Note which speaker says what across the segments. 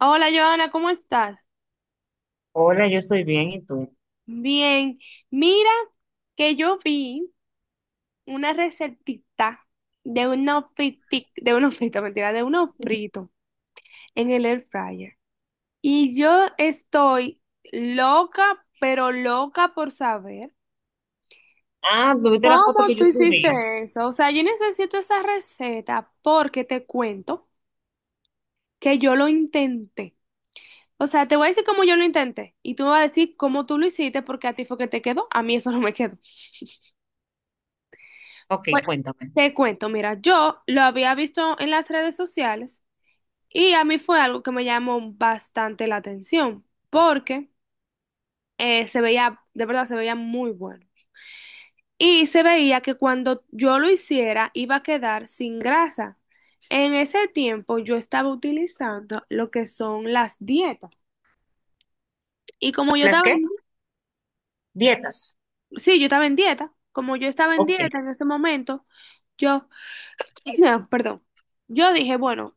Speaker 1: Hola, Joana, ¿cómo estás?
Speaker 2: Hola, yo estoy bien, ¿y tú?
Speaker 1: Bien, mira que yo vi una recetita de unos fritos, mentira, de unos fritos en el air fryer. Y yo estoy loca, pero loca por saber
Speaker 2: Ah, ¿tuviste la foto
Speaker 1: cómo
Speaker 2: que
Speaker 1: tú
Speaker 2: yo
Speaker 1: hiciste
Speaker 2: subí?
Speaker 1: eso. O sea, yo necesito esa receta porque te cuento que yo lo intenté. O sea, te voy a decir cómo yo lo intenté y tú me vas a decir cómo tú lo hiciste porque a ti fue que te quedó, a mí eso no me quedó.
Speaker 2: Ok,
Speaker 1: Pues
Speaker 2: cuéntame.
Speaker 1: te cuento, mira, yo lo había visto en las redes sociales y a mí fue algo que me llamó bastante la atención porque se veía, de verdad, se veía muy bueno. Y se veía que cuando yo lo hiciera iba a quedar sin grasa. En ese tiempo yo estaba utilizando lo que son las dietas. Y como yo
Speaker 2: ¿Las
Speaker 1: estaba en,
Speaker 2: qué? Dietas.
Speaker 1: sí, yo estaba en dieta, como yo estaba en
Speaker 2: Ok,
Speaker 1: dieta en ese momento, yo, perdón, yo dije, bueno.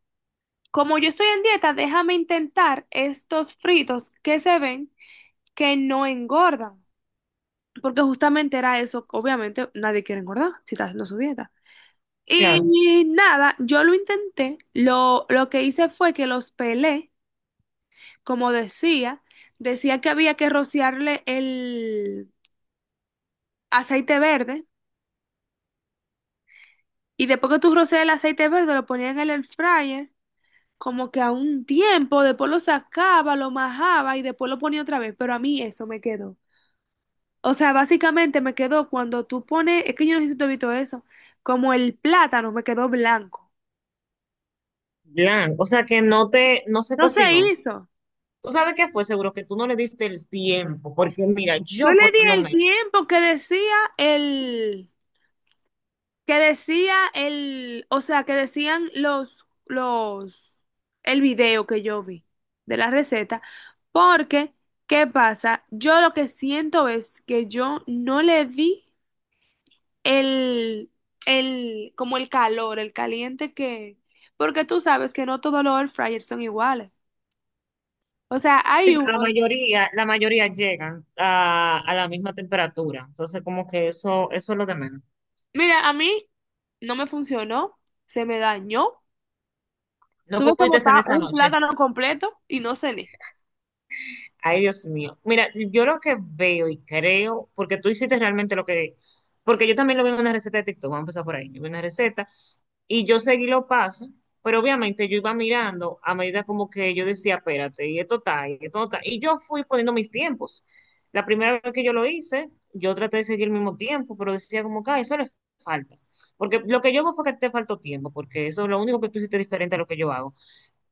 Speaker 1: Como yo estoy en dieta, déjame intentar estos fritos que se ven que no engordan. Porque justamente era eso. Obviamente nadie quiere engordar si está haciendo su dieta.
Speaker 2: claro.
Speaker 1: Y nada, yo lo intenté. Lo que hice fue que los pelé, como decía. Decía que había que rociarle el aceite verde. Y después que tú rocias el aceite verde, lo ponías en el air fryer como que a un tiempo, después lo sacaba, lo majaba y después lo ponía otra vez, pero a mí eso me quedó. O sea, básicamente me quedó cuando tú pones, es que yo no sé si tú has visto eso, como el plátano me quedó blanco.
Speaker 2: O sea que no se
Speaker 1: No se
Speaker 2: cocinó.
Speaker 1: hizo.
Speaker 2: ¿Tú sabes qué fue? Seguro que tú no le diste el tiempo, porque mira,
Speaker 1: Yo
Speaker 2: yo
Speaker 1: le
Speaker 2: por
Speaker 1: di
Speaker 2: lo
Speaker 1: el
Speaker 2: menos,
Speaker 1: tiempo que decía el, o sea, que decían los, el video que yo vi de la receta, porque, ¿qué pasa? Yo lo que siento es que yo no le di el, como el calor, el caliente que, porque tú sabes que no todos los air fryers son iguales. O sea,
Speaker 2: sí,
Speaker 1: hay
Speaker 2: pero la
Speaker 1: unos,
Speaker 2: mayoría, la mayoría llegan a la misma temperatura. Entonces, como que eso es lo de menos.
Speaker 1: mira, a mí no me funcionó, se me dañó,
Speaker 2: No
Speaker 1: tuve que
Speaker 2: pudiste en
Speaker 1: botar
Speaker 2: esa
Speaker 1: un
Speaker 2: noche.
Speaker 1: plátano completo y no cené.
Speaker 2: Ay, Dios mío. Mira, yo lo que veo y creo, porque tú hiciste realmente porque yo también lo vi en una receta de TikTok, vamos a empezar por ahí. Yo vi una receta y yo seguí los pasos, pero obviamente yo iba mirando a medida como que yo decía, espérate, y esto está, y esto no está. Y yo fui poniendo mis tiempos. La primera vez que yo lo hice, yo traté de seguir el mismo tiempo, pero decía como que "Ah, eso le falta." Porque lo que yo veo fue que te faltó tiempo, porque eso es lo único que tú hiciste diferente a lo que yo hago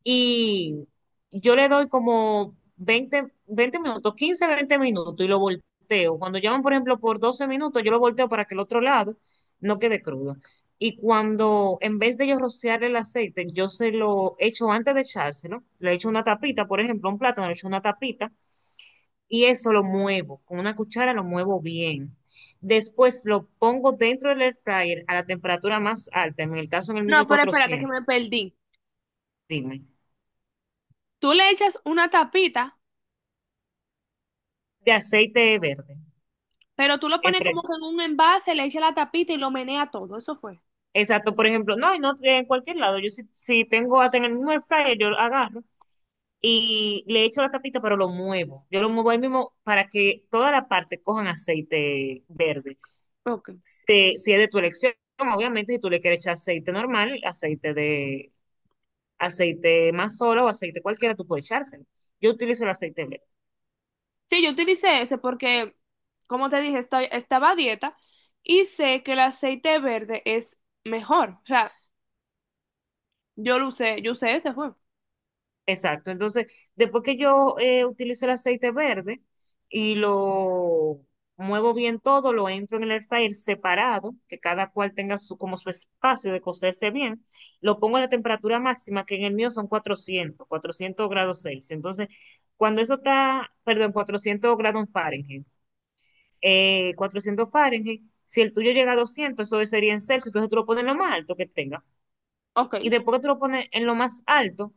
Speaker 2: y yo le doy como 20 20 minutos, 15 20 minutos y lo volteo. Cuando llaman, por ejemplo, por 12 minutos, yo lo volteo para que el otro lado no quede crudo. Y cuando, en vez de yo rociar el aceite, yo se lo echo antes de echárselo, le echo una tapita, por ejemplo, a un plátano, le echo una tapita y eso lo muevo, con una cuchara lo muevo bien. Después lo pongo dentro del air fryer a la temperatura más alta, en el caso en el mío
Speaker 1: No, pero espérate que
Speaker 2: cuatrocientos.
Speaker 1: me perdí.
Speaker 2: Dime,
Speaker 1: Tú le echas una tapita,
Speaker 2: de aceite verde.
Speaker 1: pero tú lo pones como
Speaker 2: empre-
Speaker 1: que en un envase, le echas la tapita y lo menea todo, eso fue.
Speaker 2: Exacto, por ejemplo, no, y no en cualquier lado. Yo si tengo hasta en el mismo air fryer, yo lo agarro y le echo la tapita, pero lo muevo. Yo lo muevo ahí mismo para que toda la parte cojan aceite verde.
Speaker 1: Ok.
Speaker 2: Si es de tu elección, obviamente, si tú le quieres echar aceite normal, aceite de aceite más solo o aceite cualquiera, tú puedes echárselo. Yo utilizo el aceite verde.
Speaker 1: Sí, yo utilicé ese porque, como te dije, estoy, estaba a dieta y sé que el aceite verde es mejor. O sea, yo lo usé, yo usé ese fue.
Speaker 2: Exacto. Entonces, después que yo utilizo el aceite verde y lo muevo bien todo, lo entro en el air fryer separado, que cada cual tenga su, como su espacio de cocerse bien, lo pongo a la temperatura máxima, que en el mío son cuatrocientos grados Celsius. Entonces, cuando eso está, perdón, 400 grados Fahrenheit, 400 Fahrenheit, si el tuyo llega a 200 eso sería en Celsius, entonces tú lo pones lo más alto que tenga
Speaker 1: Ok.
Speaker 2: y después que tú lo pones en lo más alto,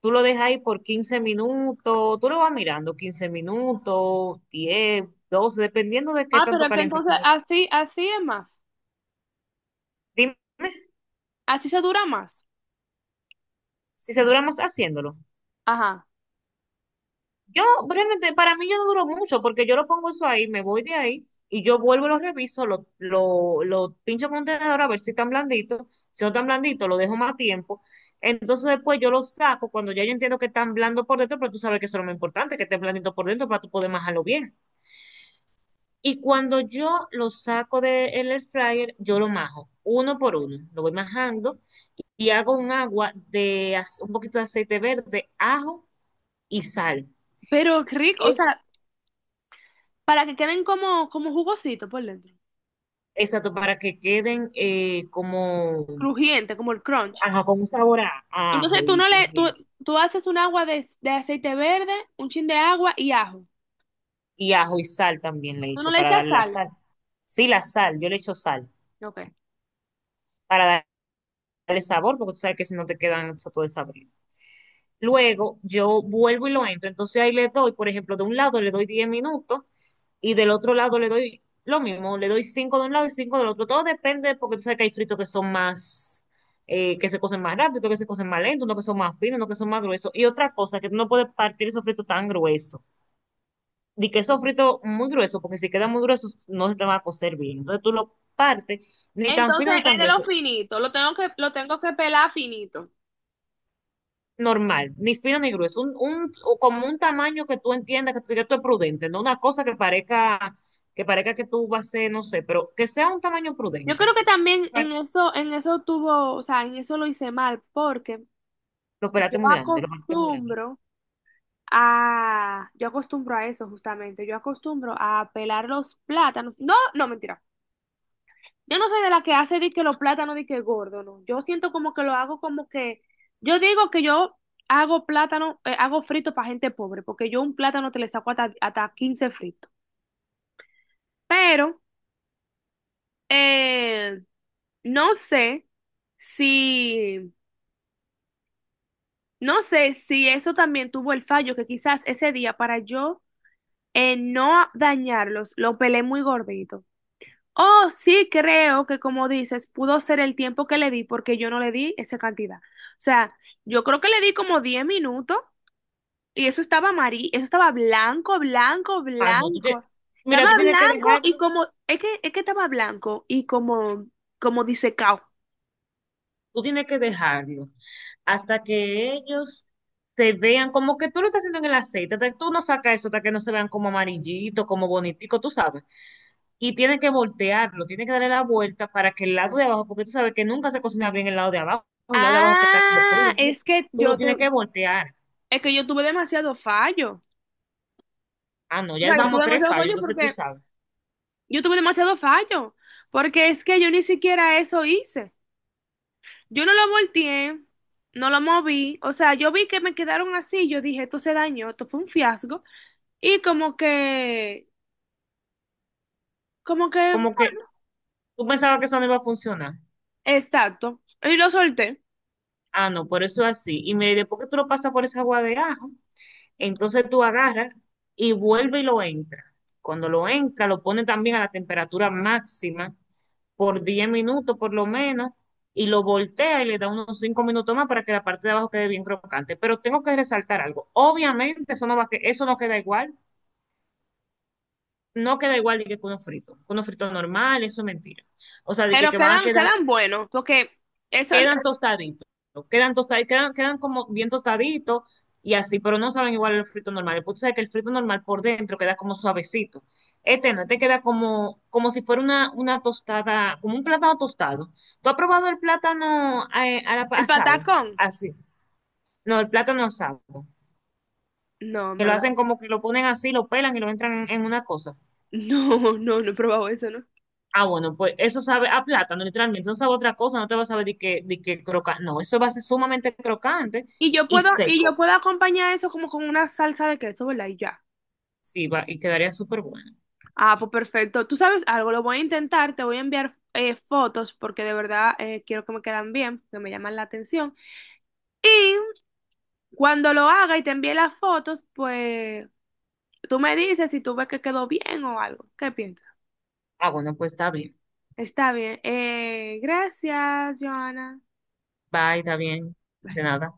Speaker 2: tú lo dejas ahí por 15 minutos, tú lo vas mirando 15 minutos, 10 12 dependiendo de qué
Speaker 1: Ah, pero
Speaker 2: tanto
Speaker 1: es que
Speaker 2: caliente
Speaker 1: entonces
Speaker 2: tú ves.
Speaker 1: así, así es más.
Speaker 2: Dime
Speaker 1: Así se dura más.
Speaker 2: si se dura más haciéndolo.
Speaker 1: Ajá.
Speaker 2: Yo, realmente, para mí yo no duro mucho porque yo lo pongo eso ahí, me voy de ahí y yo vuelvo, lo reviso, lo pincho con un tenedor a ver si están blanditos. Si no están blanditos, lo dejo más tiempo. Entonces después yo lo saco cuando ya yo entiendo que están blando por dentro, pero tú sabes que eso es lo más importante, que esté blandito por dentro para tú poder majarlo bien. Y cuando yo lo saco del air fryer, yo lo majo uno por uno. Lo voy majando y hago un agua de un poquito de aceite verde, ajo y sal.
Speaker 1: Pero qué rico, o
Speaker 2: Es
Speaker 1: sea, para que queden como, como jugositos por dentro.
Speaker 2: exacto para que queden como
Speaker 1: Crujiente, como el crunch.
Speaker 2: ajá, con un sabor a
Speaker 1: Entonces
Speaker 2: ajo
Speaker 1: tú
Speaker 2: y
Speaker 1: no le, tú,
Speaker 2: crujiente.
Speaker 1: tú haces un agua de, aceite verde, un chin de agua y ajo.
Speaker 2: Y ajo y sal también le
Speaker 1: Tú no
Speaker 2: echo
Speaker 1: le
Speaker 2: para
Speaker 1: echas
Speaker 2: darle la
Speaker 1: sal.
Speaker 2: sal. Sí, la sal, yo le echo sal
Speaker 1: Ok.
Speaker 2: para el sabor, porque tú sabes que si no te quedan todo desabrido. Luego yo vuelvo y lo entro, entonces ahí le doy, por ejemplo, de un lado le doy 10 minutos y del otro lado le doy lo mismo, le doy 5 de un lado y 5 del otro. Todo depende, porque tú sabes que hay fritos que son más, que se cocen más rápido, otros que se cocen más lento, unos que son más finos, unos que son más gruesos. Y otra cosa, que tú no puedes partir esos fritos tan gruesos. Di que esos fritos muy gruesos, porque si quedan muy gruesos no se te van a cocer bien. Entonces tú lo partes ni tan
Speaker 1: Entonces
Speaker 2: fino ni tan
Speaker 1: es de lo
Speaker 2: grueso.
Speaker 1: finito, lo tengo que pelar finito.
Speaker 2: Normal, ni fino ni grueso, o como un tamaño que tú entiendas, que tú digas tú es prudente, no una cosa que parezca, que parezca que tú vas a ser, no sé, pero que sea un tamaño
Speaker 1: Yo
Speaker 2: prudente.
Speaker 1: creo que también
Speaker 2: Para-
Speaker 1: en eso tuvo, o sea, en eso lo hice mal, porque
Speaker 2: Los
Speaker 1: yo
Speaker 2: pelates muy grande lo pelates muy grande.
Speaker 1: acostumbro yo acostumbro a eso justamente, yo acostumbro a pelar los plátanos. No, no, mentira. Yo no soy de la que hace di que los plátanos di que gordo, no. Yo siento como que lo hago como que, yo digo que yo hago plátano, hago frito para gente pobre, porque yo un plátano te le saco hasta, 15 fritos. Pero, eh, No sé si, no sé si, eso también tuvo el fallo, que quizás ese día para yo no dañarlos, lo pelé muy gordito. Oh, sí creo que como dices, pudo ser el tiempo que le di porque yo no le di esa cantidad. O sea, yo creo que le di como 10 minutos y eso estaba amarillo, eso estaba blanco, blanco,
Speaker 2: Ah, no, tú tienes,
Speaker 1: blanco.
Speaker 2: mira,
Speaker 1: Estaba
Speaker 2: tú tienes que
Speaker 1: blanco y
Speaker 2: dejarlo,
Speaker 1: como, es que, estaba blanco y como, disecado.
Speaker 2: tú tienes que dejarlo hasta que ellos te vean como que tú lo estás haciendo en el aceite, hasta que tú no sacas eso, hasta que no se vean como amarillito, como bonitico, tú sabes. Y tiene que voltearlo, tiene que darle la vuelta para que el lado de abajo, porque tú sabes que nunca se cocina bien el lado de abajo, el lado de abajo que está como crudo,
Speaker 1: Ah,
Speaker 2: entonces
Speaker 1: es que
Speaker 2: tú lo
Speaker 1: yo te,
Speaker 2: tienes que voltear.
Speaker 1: es que yo tuve demasiado fallo.
Speaker 2: Ah, no,
Speaker 1: O
Speaker 2: ya
Speaker 1: sea, yo tuve
Speaker 2: vamos tres
Speaker 1: demasiado
Speaker 2: fallos,
Speaker 1: fallo
Speaker 2: entonces tú
Speaker 1: porque
Speaker 2: sabes.
Speaker 1: yo tuve demasiado fallo. Porque es que yo ni siquiera eso hice. Yo no lo volteé, no lo moví. O sea, yo vi que me quedaron así. Yo dije, esto se dañó, esto fue un fiasco. Y como que, como que,
Speaker 2: Como que tú pensabas que eso no iba a funcionar.
Speaker 1: exacto. Y lo solté.
Speaker 2: Ah, no, por eso es así. Y mira, y después que tú lo pasas por esa agua de ajo, entonces tú agarras y vuelve y lo entra. Cuando lo entra, lo pone también a la temperatura máxima por 10 minutos por lo menos y lo voltea y le da unos 5 minutos más para que la parte de abajo quede bien crocante. Pero tengo que resaltar algo. Obviamente eso no va a que eso no queda igual, no queda igual de que con uno frito, normal, eso es mentira. O sea,
Speaker 1: Pero
Speaker 2: que van a
Speaker 1: quedan,
Speaker 2: quedar
Speaker 1: quedan buenos. Porque eso,
Speaker 2: quedan tostaditos, ¿no? Quedan tostaditos, quedan, quedan como bien tostaditos y así, pero no saben igual el frito normal. El punto es que el frito normal por dentro queda como suavecito. Este no, este queda como, como si fuera una tostada, como un plátano tostado. ¿Tú has probado el plátano
Speaker 1: el
Speaker 2: asado?
Speaker 1: patacón.
Speaker 2: Así. No, el plátano asado.
Speaker 1: No, en
Speaker 2: Que lo
Speaker 1: verdad.
Speaker 2: hacen como que lo ponen así, lo pelan y lo entran en una cosa.
Speaker 1: No, no, no he probado eso, ¿no?
Speaker 2: Ah, bueno, pues eso sabe a plátano, literalmente. No sabe a otra cosa, no te va a saber de que, crocante. No, eso va a ser sumamente crocante
Speaker 1: Y yo
Speaker 2: y
Speaker 1: puedo, y yo
Speaker 2: seco.
Speaker 1: puedo acompañar eso como con una salsa de queso, ¿verdad? Y ya.
Speaker 2: Sí, va, y quedaría súper bueno.
Speaker 1: Ah, pues perfecto. Tú sabes algo, lo voy a intentar, te voy a enviar fotos porque de verdad quiero que me quedan bien, que me llaman la atención. Y cuando lo haga y te envíe las fotos, pues tú me dices si tú ves que quedó bien o algo. ¿Qué piensas?
Speaker 2: Ah, bueno, pues está bien.
Speaker 1: Está bien. Gracias, Joana.
Speaker 2: Bye, está bien. De nada.